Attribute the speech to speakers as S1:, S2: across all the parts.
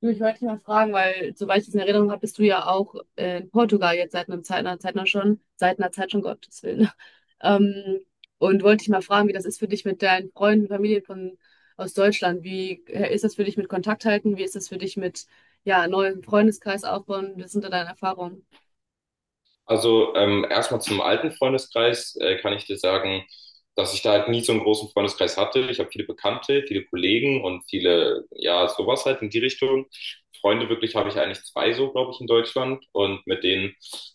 S1: Du, ich wollte dich mal fragen, weil soweit ich das in Erinnerung habe, bist du ja auch in Portugal jetzt seit einem Zeit, einer Zeit noch schon, seit einer Zeit schon, Gottes Willen. Ähm, und wollte dich mal fragen, wie das ist für dich mit deinen Freunden, Familien von, aus Deutschland. Wie ist das für dich mit Kontakt halten? Wie ist das für dich mit, ja, neuen Freundeskreis aufbauen? Was sind da deine Erfahrungen?
S2: Also erstmal zum alten Freundeskreis kann ich dir sagen, dass ich da halt nie so einen großen Freundeskreis hatte. Ich habe viele Bekannte, viele Kollegen und viele, ja, sowas halt in die Richtung. Freunde wirklich habe ich eigentlich zwei so, glaube ich, in Deutschland. Und mit denen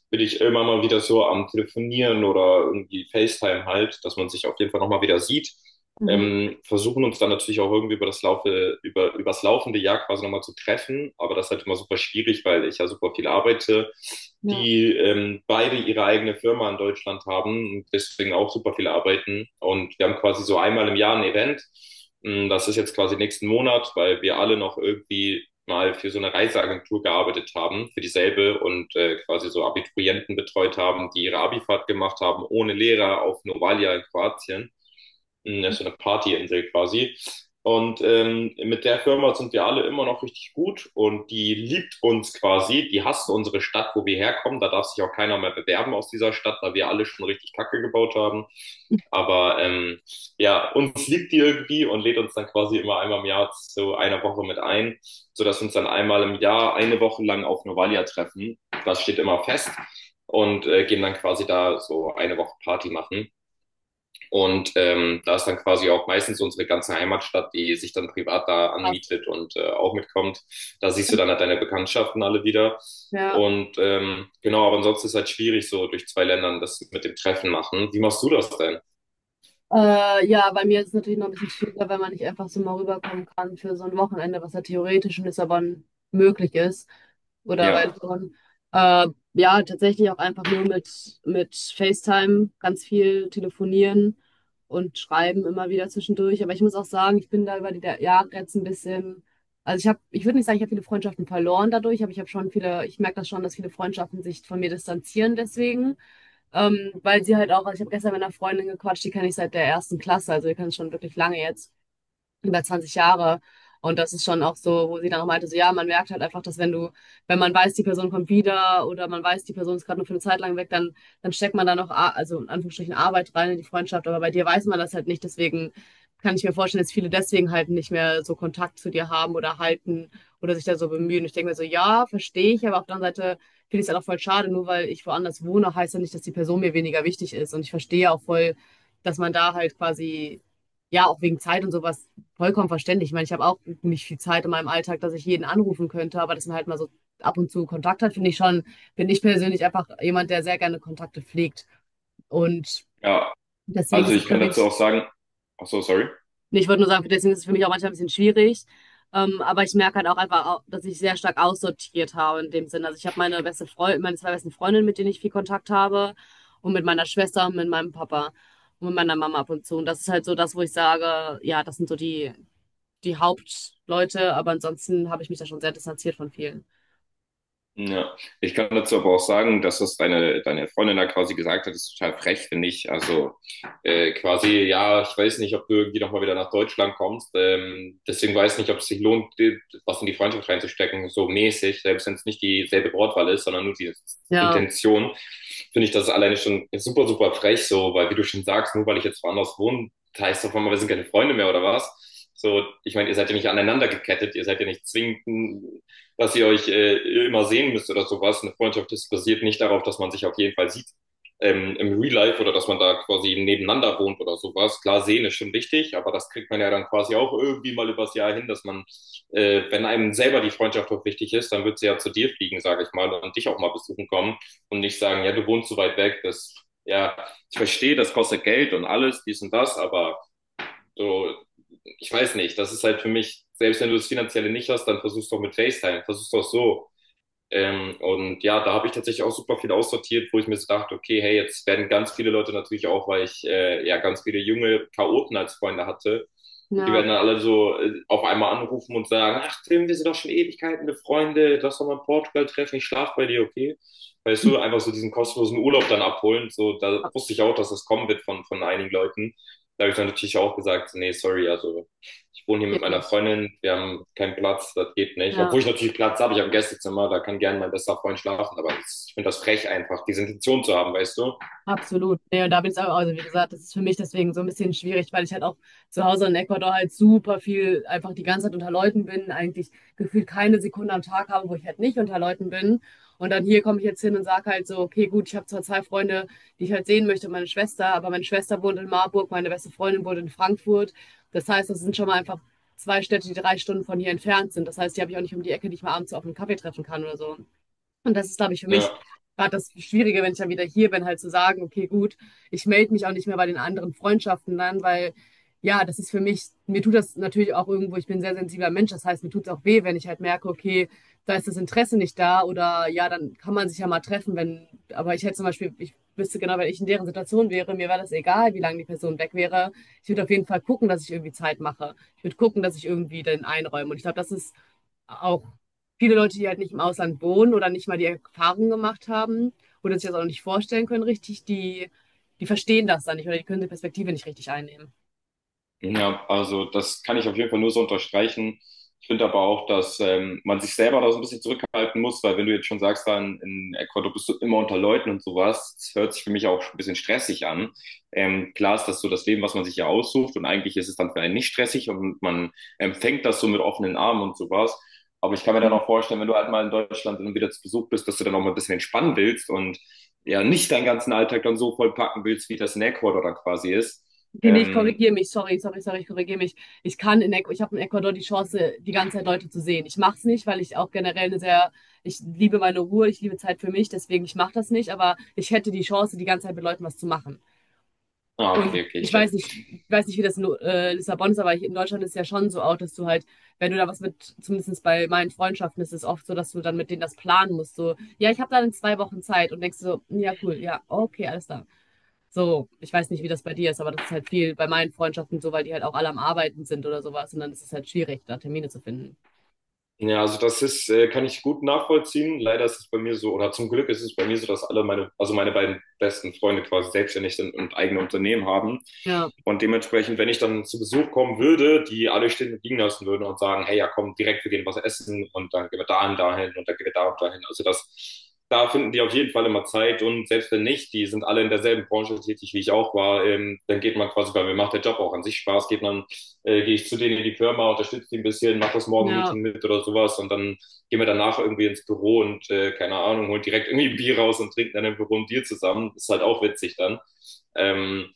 S2: bin ich immer mal wieder so am Telefonieren oder irgendwie FaceTime halt, dass man sich auf jeden Fall nochmal wieder sieht,
S1: Mhm.
S2: versuchen uns dann natürlich auch irgendwie übers laufende Jahr quasi nochmal zu treffen. Aber das ist halt immer super schwierig, weil ich ja super viel arbeite,
S1: Ja.
S2: die beide ihre eigene Firma in Deutschland haben und deswegen auch super viel arbeiten. Und wir haben quasi so einmal im Jahr ein Event. Das ist jetzt quasi nächsten Monat, weil wir alle noch irgendwie mal für so eine Reiseagentur gearbeitet haben, für dieselbe und quasi so Abiturienten betreut haben, die ihre Abifahrt gemacht haben, ohne Lehrer auf Novalia in Kroatien. Das ist so eine Partyinsel quasi. Und mit der Firma sind wir alle immer noch richtig gut und die liebt uns quasi. Die hasst unsere Stadt, wo wir herkommen. Da darf sich auch keiner mehr bewerben aus dieser Stadt, weil wir alle schon richtig Kacke gebaut haben. Aber ja, uns liebt die irgendwie und lädt uns dann quasi immer einmal im Jahr zu einer Woche mit ein, sodass wir uns dann einmal im Jahr eine Woche lang auf Novalia treffen. Das steht immer fest und gehen dann quasi da so eine Woche Party machen. Und da ist dann quasi auch meistens unsere ganze Heimatstadt, die sich dann privat da
S1: Krass.
S2: anmietet und auch mitkommt. Da siehst du dann halt deine Bekanntschaften alle wieder.
S1: Ja.
S2: Und genau, aber ansonsten ist halt schwierig, so durch zwei Ländern das mit dem Treffen machen. Wie machst du das denn?
S1: Ja, bei mir ist es natürlich noch ein bisschen schwieriger, weil man nicht einfach so mal rüberkommen kann für so ein Wochenende, was ja theoretisch in Lissabon möglich ist. Oder bei
S2: Ja,
S1: Lissabon. Äh, ja, tatsächlich auch einfach nur mit FaceTime, ganz viel telefonieren und schreiben immer wieder zwischendurch. Aber ich muss auch sagen, ich bin da über Jahre jetzt ein bisschen, also ich habe, ich würde nicht sagen, ich habe viele Freundschaften verloren dadurch, aber ich habe schon viele, ich merke das schon, dass viele Freundschaften sich von mir distanzieren deswegen. Weil sie halt auch, also ich habe gestern mit einer Freundin gequatscht, die kenne ich seit der ersten Klasse, also wir kennen es schon wirklich lange jetzt über 20 Jahre. Und das ist schon auch so, wo sie dann auch meinte, so ja, man merkt halt einfach, dass wenn man weiß, die Person kommt wieder oder man weiß, die Person ist gerade nur für eine Zeit lang weg, dann steckt man da noch, also in Anführungsstrichen Arbeit rein in die Freundschaft. Aber bei dir weiß man das halt nicht. Deswegen kann ich mir vorstellen, dass viele deswegen halt nicht mehr so Kontakt zu dir haben oder halten oder sich da so bemühen. Ich denke mir so, ja, verstehe ich, aber auf der anderen Seite finde ich es halt auch voll schade, nur weil ich woanders wohne, heißt ja nicht, dass die Person mir weniger wichtig ist. Und ich verstehe auch voll, dass man da halt quasi ja, auch wegen Zeit und sowas vollkommen verständlich. Ich meine, ich habe auch nicht viel Zeit in meinem Alltag, dass ich jeden anrufen könnte, aber dass man halt mal so ab und zu Kontakt hat, finde ich schon, bin ich persönlich einfach jemand, der sehr gerne Kontakte pflegt. Und
S2: ja.
S1: deswegen
S2: Also
S1: ist es
S2: ich
S1: für
S2: kann dazu
S1: mich,
S2: auch sagen, ach so, sorry.
S1: nee, ich würde nur sagen, deswegen ist es für mich auch manchmal ein bisschen schwierig. Aber ich merke halt auch einfach, dass ich sehr stark aussortiert habe in dem Sinne. Also ich habe meine beste Freundin, meine zwei besten Freundinnen, mit denen ich viel Kontakt habe und mit meiner Schwester und mit meinem Papa und mit meiner Mama ab und zu. Und das ist halt so das, wo ich sage, ja, das sind so die Hauptleute, aber ansonsten habe ich mich da schon sehr distanziert von vielen.
S2: Ja, ich kann dazu aber auch sagen, dass das deine Freundin da quasi gesagt hat, ist total frech, finde ich. Also quasi, ja, ich weiß nicht, ob du irgendwie nochmal wieder nach Deutschland kommst. Deswegen weiß nicht, ob es sich lohnt, dir was in die Freundschaft reinzustecken, so mäßig, selbst wenn es nicht dieselbe Wortwahl ist, sondern nur die
S1: Ja,
S2: Intention, finde ich das alleine schon super, super frech, so, weil wie du schon sagst, nur weil ich jetzt woanders wohne, heißt das auf einmal, wir sind keine Freunde mehr oder was? So, ich meine, ihr seid ja nicht aneinander gekettet, ihr seid ja nicht zwingend, dass ihr euch immer sehen müsst oder sowas. Eine Freundschaft ist basiert nicht darauf, dass man sich auf jeden Fall sieht, im Real Life oder dass man da quasi nebeneinander wohnt oder sowas. Klar, sehen ist schon wichtig, aber das kriegt man ja dann quasi auch irgendwie mal übers Jahr hin, dass man, wenn einem selber die Freundschaft auch wichtig ist, dann wird sie ja zu dir fliegen, sage ich mal, und dich auch mal besuchen kommen und nicht sagen, ja, du wohnst so weit weg, das, ja, ich verstehe, das kostet Geld und alles, dies und das, aber so, ich weiß nicht, das ist halt für mich, selbst wenn du das Finanzielle nicht hast, dann versuch's doch mit FaceTime, versuch's doch so, und ja, da habe ich tatsächlich auch super viel aussortiert, wo ich mir so dachte, okay, hey, jetzt werden ganz viele Leute natürlich auch, weil ich ja ganz viele junge Chaoten als Freunde hatte, die
S1: ja,
S2: werden dann alle so auf einmal anrufen und sagen, ach Tim, wir sind doch schon Ewigkeiten befreunde, lass doch mal in Portugal treffen, ich schlaf bei dir, okay? Weißt du, einfach so diesen kostenlosen Urlaub dann abholen, so, da wusste ich auch, dass das kommen wird von einigen Leuten. Da habe ich dann natürlich auch gesagt, nee, sorry, also ich wohne hier mit
S1: geht
S2: meiner
S1: nicht.
S2: Freundin, wir haben keinen Platz, das geht nicht.
S1: Ja.
S2: Obwohl ich natürlich Platz habe, ich habe ein Gästezimmer, da kann gerne mein bester Freund schlafen, aber ich finde das frech einfach, diese Intention zu haben, weißt du?
S1: Absolut. Nee, und da bin ich auch. Also wie gesagt, das ist für mich deswegen so ein bisschen schwierig, weil ich halt auch zu Hause in Ecuador halt super viel einfach die ganze Zeit unter Leuten bin, eigentlich gefühlt keine Sekunde am Tag habe, wo ich halt nicht unter Leuten bin. Und dann hier komme ich jetzt hin und sage halt so, okay, gut, ich habe zwar zwei Freunde, die ich halt sehen möchte, meine Schwester, aber meine Schwester wohnt in Marburg, meine beste Freundin wohnt in Frankfurt. Das heißt, das sind schon mal einfach zwei Städte, die 3 Stunden von hier entfernt sind. Das heißt, die habe ich auch nicht um die Ecke, die ich mal abends so auf einen Kaffee treffen kann oder so. Und das ist, glaube ich, für mich
S2: Ja.
S1: gerade das Schwierige, wenn ich dann wieder hier bin, halt zu sagen, okay, gut, ich melde mich auch nicht mehr bei den anderen Freundschaften dann, weil ja, das ist für mich, mir tut das natürlich auch irgendwo, ich bin ein sehr sensibler Mensch, das heißt, mir tut es auch weh, wenn ich halt merke, okay, da ist das Interesse nicht da oder ja, dann kann man sich ja mal treffen, wenn, aber ich hätte zum Beispiel, ich wüsste genau, wenn ich in deren Situation wäre, mir wäre das egal, wie lange die Person weg wäre. Ich würde auf jeden Fall gucken, dass ich irgendwie Zeit mache. Ich würde gucken, dass ich irgendwie den einräume. Und ich glaube, das ist auch viele Leute, die halt nicht im Ausland wohnen oder nicht mal die Erfahrung gemacht haben oder sich das auch nicht vorstellen können richtig, die verstehen das dann nicht oder die können die Perspektive nicht richtig einnehmen.
S2: Ja, also das kann ich auf jeden Fall nur so unterstreichen. Ich finde aber auch, dass man sich selber da so ein bisschen zurückhalten muss, weil wenn du jetzt schon sagst, dann in Ecuador bist du immer unter Leuten und sowas, das hört sich für mich auch ein bisschen stressig an. Klar ist das so das Leben, was man sich ja aussucht, und eigentlich ist es dann für einen nicht stressig und man empfängt das so mit offenen Armen und sowas. Aber ich kann mir dann auch vorstellen, wenn du halt mal in Deutschland dann wieder zu Besuch bist, dass du dann auch mal ein bisschen entspannen willst und ja nicht deinen ganzen Alltag dann so vollpacken willst, wie das in Ecuador dann quasi ist.
S1: Okay, nee, ich
S2: Ähm,
S1: korrigiere mich, sorry, sorry, sorry, ich korrigiere mich. Ich kann in, Ecuador, ich habe in Ecuador die Chance, die ganze Zeit Leute zu sehen. Ich mache es nicht, weil ich auch generell eine sehr, ich liebe meine Ruhe, ich liebe Zeit für mich, deswegen ich mache das nicht, aber ich hätte die Chance, die ganze Zeit mit Leuten was zu machen.
S2: Ah,
S1: Und
S2: okay, okay, ich
S1: ich
S2: check.
S1: weiß nicht, ich weiß nicht, wie das in Lissabon ist, aber hier in Deutschland ist es ja schon so auch, dass du halt, wenn du da was mit, zumindest bei meinen Freundschaften ist es oft so, dass du dann mit denen das planen musst. So, ja, ich habe dann in 2 Wochen Zeit und denkst so, ja, cool, ja, okay, alles da. So, ich weiß nicht, wie das bei dir ist, aber das ist halt viel bei meinen Freundschaften so, weil die halt auch alle am Arbeiten sind oder sowas und dann ist es halt schwierig, da Termine zu finden.
S2: Ja, also das ist, kann ich gut nachvollziehen. Leider ist es bei mir so, oder zum Glück ist es bei mir so, dass alle meine, also meine beiden besten Freunde quasi selbstständig sind und eigene Unternehmen haben.
S1: Ja,
S2: Und dementsprechend, wenn ich dann zu Besuch kommen würde, die alle stehen und liegen lassen würden und sagen, hey, ja, komm, direkt, wir gehen was essen und dann gehen wir dahin, dahin und dann gehen wir da und dahin. Also das, da finden die auf jeden Fall immer Zeit, und selbst wenn nicht, die sind alle in derselben Branche tätig, wie ich auch war, dann geht man quasi, weil mir macht der Job auch an sich Spaß, geht man gehe ich zu denen in die Firma, unterstütze die ein bisschen, mache das
S1: ja.
S2: Morgen-Meeting mit oder sowas und dann gehen wir danach irgendwie ins Büro und keine Ahnung, holen direkt irgendwie ein Bier raus und trinken dann im Büro ein Bier zusammen. Ist halt auch witzig dann. Ähm,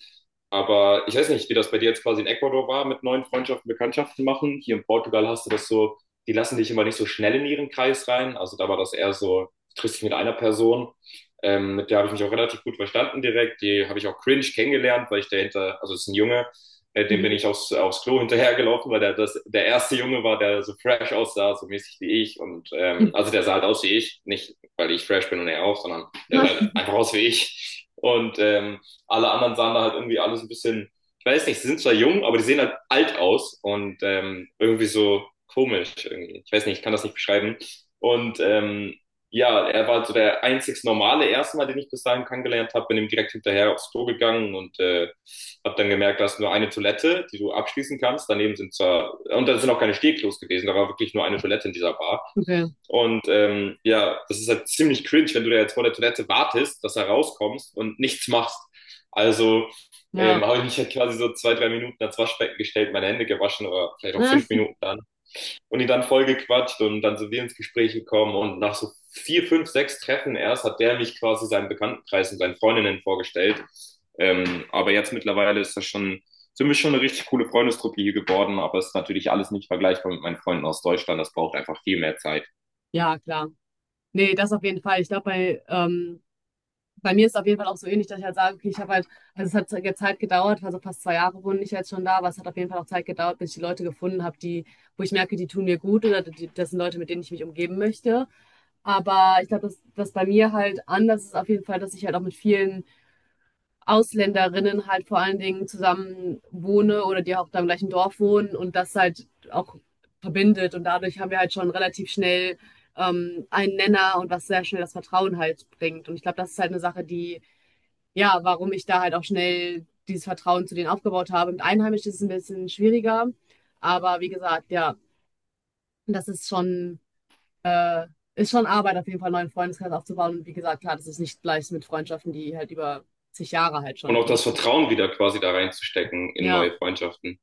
S2: aber ich weiß nicht, wie das bei dir jetzt quasi in Ecuador war, mit neuen Freundschaften, Bekanntschaften machen. Hier in Portugal hast du das so, die lassen dich immer nicht so schnell in ihren Kreis rein. Also da war das eher so, du triffst dich mit einer Person. Mit der habe ich mich auch relativ gut verstanden direkt. Die habe ich auch cringe kennengelernt, weil ich dahinter, also es ist ein Junge, dem bin
S1: Mhm.
S2: ich aufs Klo hinterhergelaufen, weil der, das, der erste Junge war, der so fresh aussah, so mäßig wie ich. Und also der sah halt aus wie ich. Nicht, weil ich fresh bin und er auch, sondern der sah halt einfach aus wie ich. Und alle anderen sahen da halt irgendwie alles ein bisschen, ich weiß nicht, sie sind zwar jung, aber die sehen halt alt aus und irgendwie so komisch irgendwie. Ich weiß nicht, ich kann das nicht beschreiben. Und ja, er war so der einzig normale erste Mal, den ich bis dahin kennengelernt habe, bin ihm direkt hinterher aufs Klo gegangen und habe dann gemerkt, da ist nur eine Toilette, die du abschließen kannst. Daneben sind zwar, und da sind auch keine Stehklos gewesen, da war wirklich nur eine Toilette in dieser Bar.
S1: Okay,
S2: Und ja, das ist halt ziemlich cringe, wenn du da jetzt vor der Toilette wartest, dass er rauskommst und nichts machst. Also
S1: ja.
S2: habe ich mich halt quasi so 2, 3 Minuten ans Waschbecken gestellt, meine Hände gewaschen oder vielleicht auch 5 Minuten dann, und ihn dann voll gequatscht und dann sind wir ins Gespräch gekommen und nach so vier, fünf, sechs Treffen erst hat der mich quasi seinen Bekanntenkreis und seinen Freundinnen vorgestellt. Aber jetzt mittlerweile ist das schon, sind wir schon eine richtig coole Freundestruppe hier geworden, aber es ist natürlich alles nicht vergleichbar mit meinen Freunden aus Deutschland. Das braucht einfach viel mehr Zeit.
S1: Ja, klar. Nee, das auf jeden Fall. Ich glaube, bei, bei mir ist es auf jeden Fall auch so ähnlich, dass ich halt sage, okay, ich habe halt, also es hat jetzt Zeit gedauert, also fast 2 Jahre wohne ich jetzt schon da, aber es hat auf jeden Fall auch Zeit gedauert, bis ich die Leute gefunden habe, die, wo ich merke, die tun mir gut oder die, das sind Leute, mit denen ich mich umgeben möchte. Aber ich glaube, dass das bei mir halt anders ist auf jeden Fall, dass ich halt auch mit vielen Ausländerinnen halt vor allen Dingen zusammen wohne oder die auch da im gleichen Dorf wohnen und das halt auch verbindet. Und dadurch haben wir halt schon relativ schnell einen Nenner und was sehr schnell das Vertrauen halt bringt. Und ich glaube, das ist halt eine Sache, die ja, warum ich da halt auch schnell dieses Vertrauen zu denen aufgebaut habe. Mit Einheimischen ist es ein bisschen schwieriger, aber wie gesagt, ja, das äh, ist schon Arbeit, auf jeden Fall einen neuen Freundeskreis aufzubauen. Und wie gesagt, klar, das ist nicht gleich mit Freundschaften, die halt über zig Jahre halt
S2: Und
S1: schon,
S2: auch
S1: oder
S2: das Vertrauen wieder quasi da reinzustecken in
S1: ja,
S2: neue Freundschaften.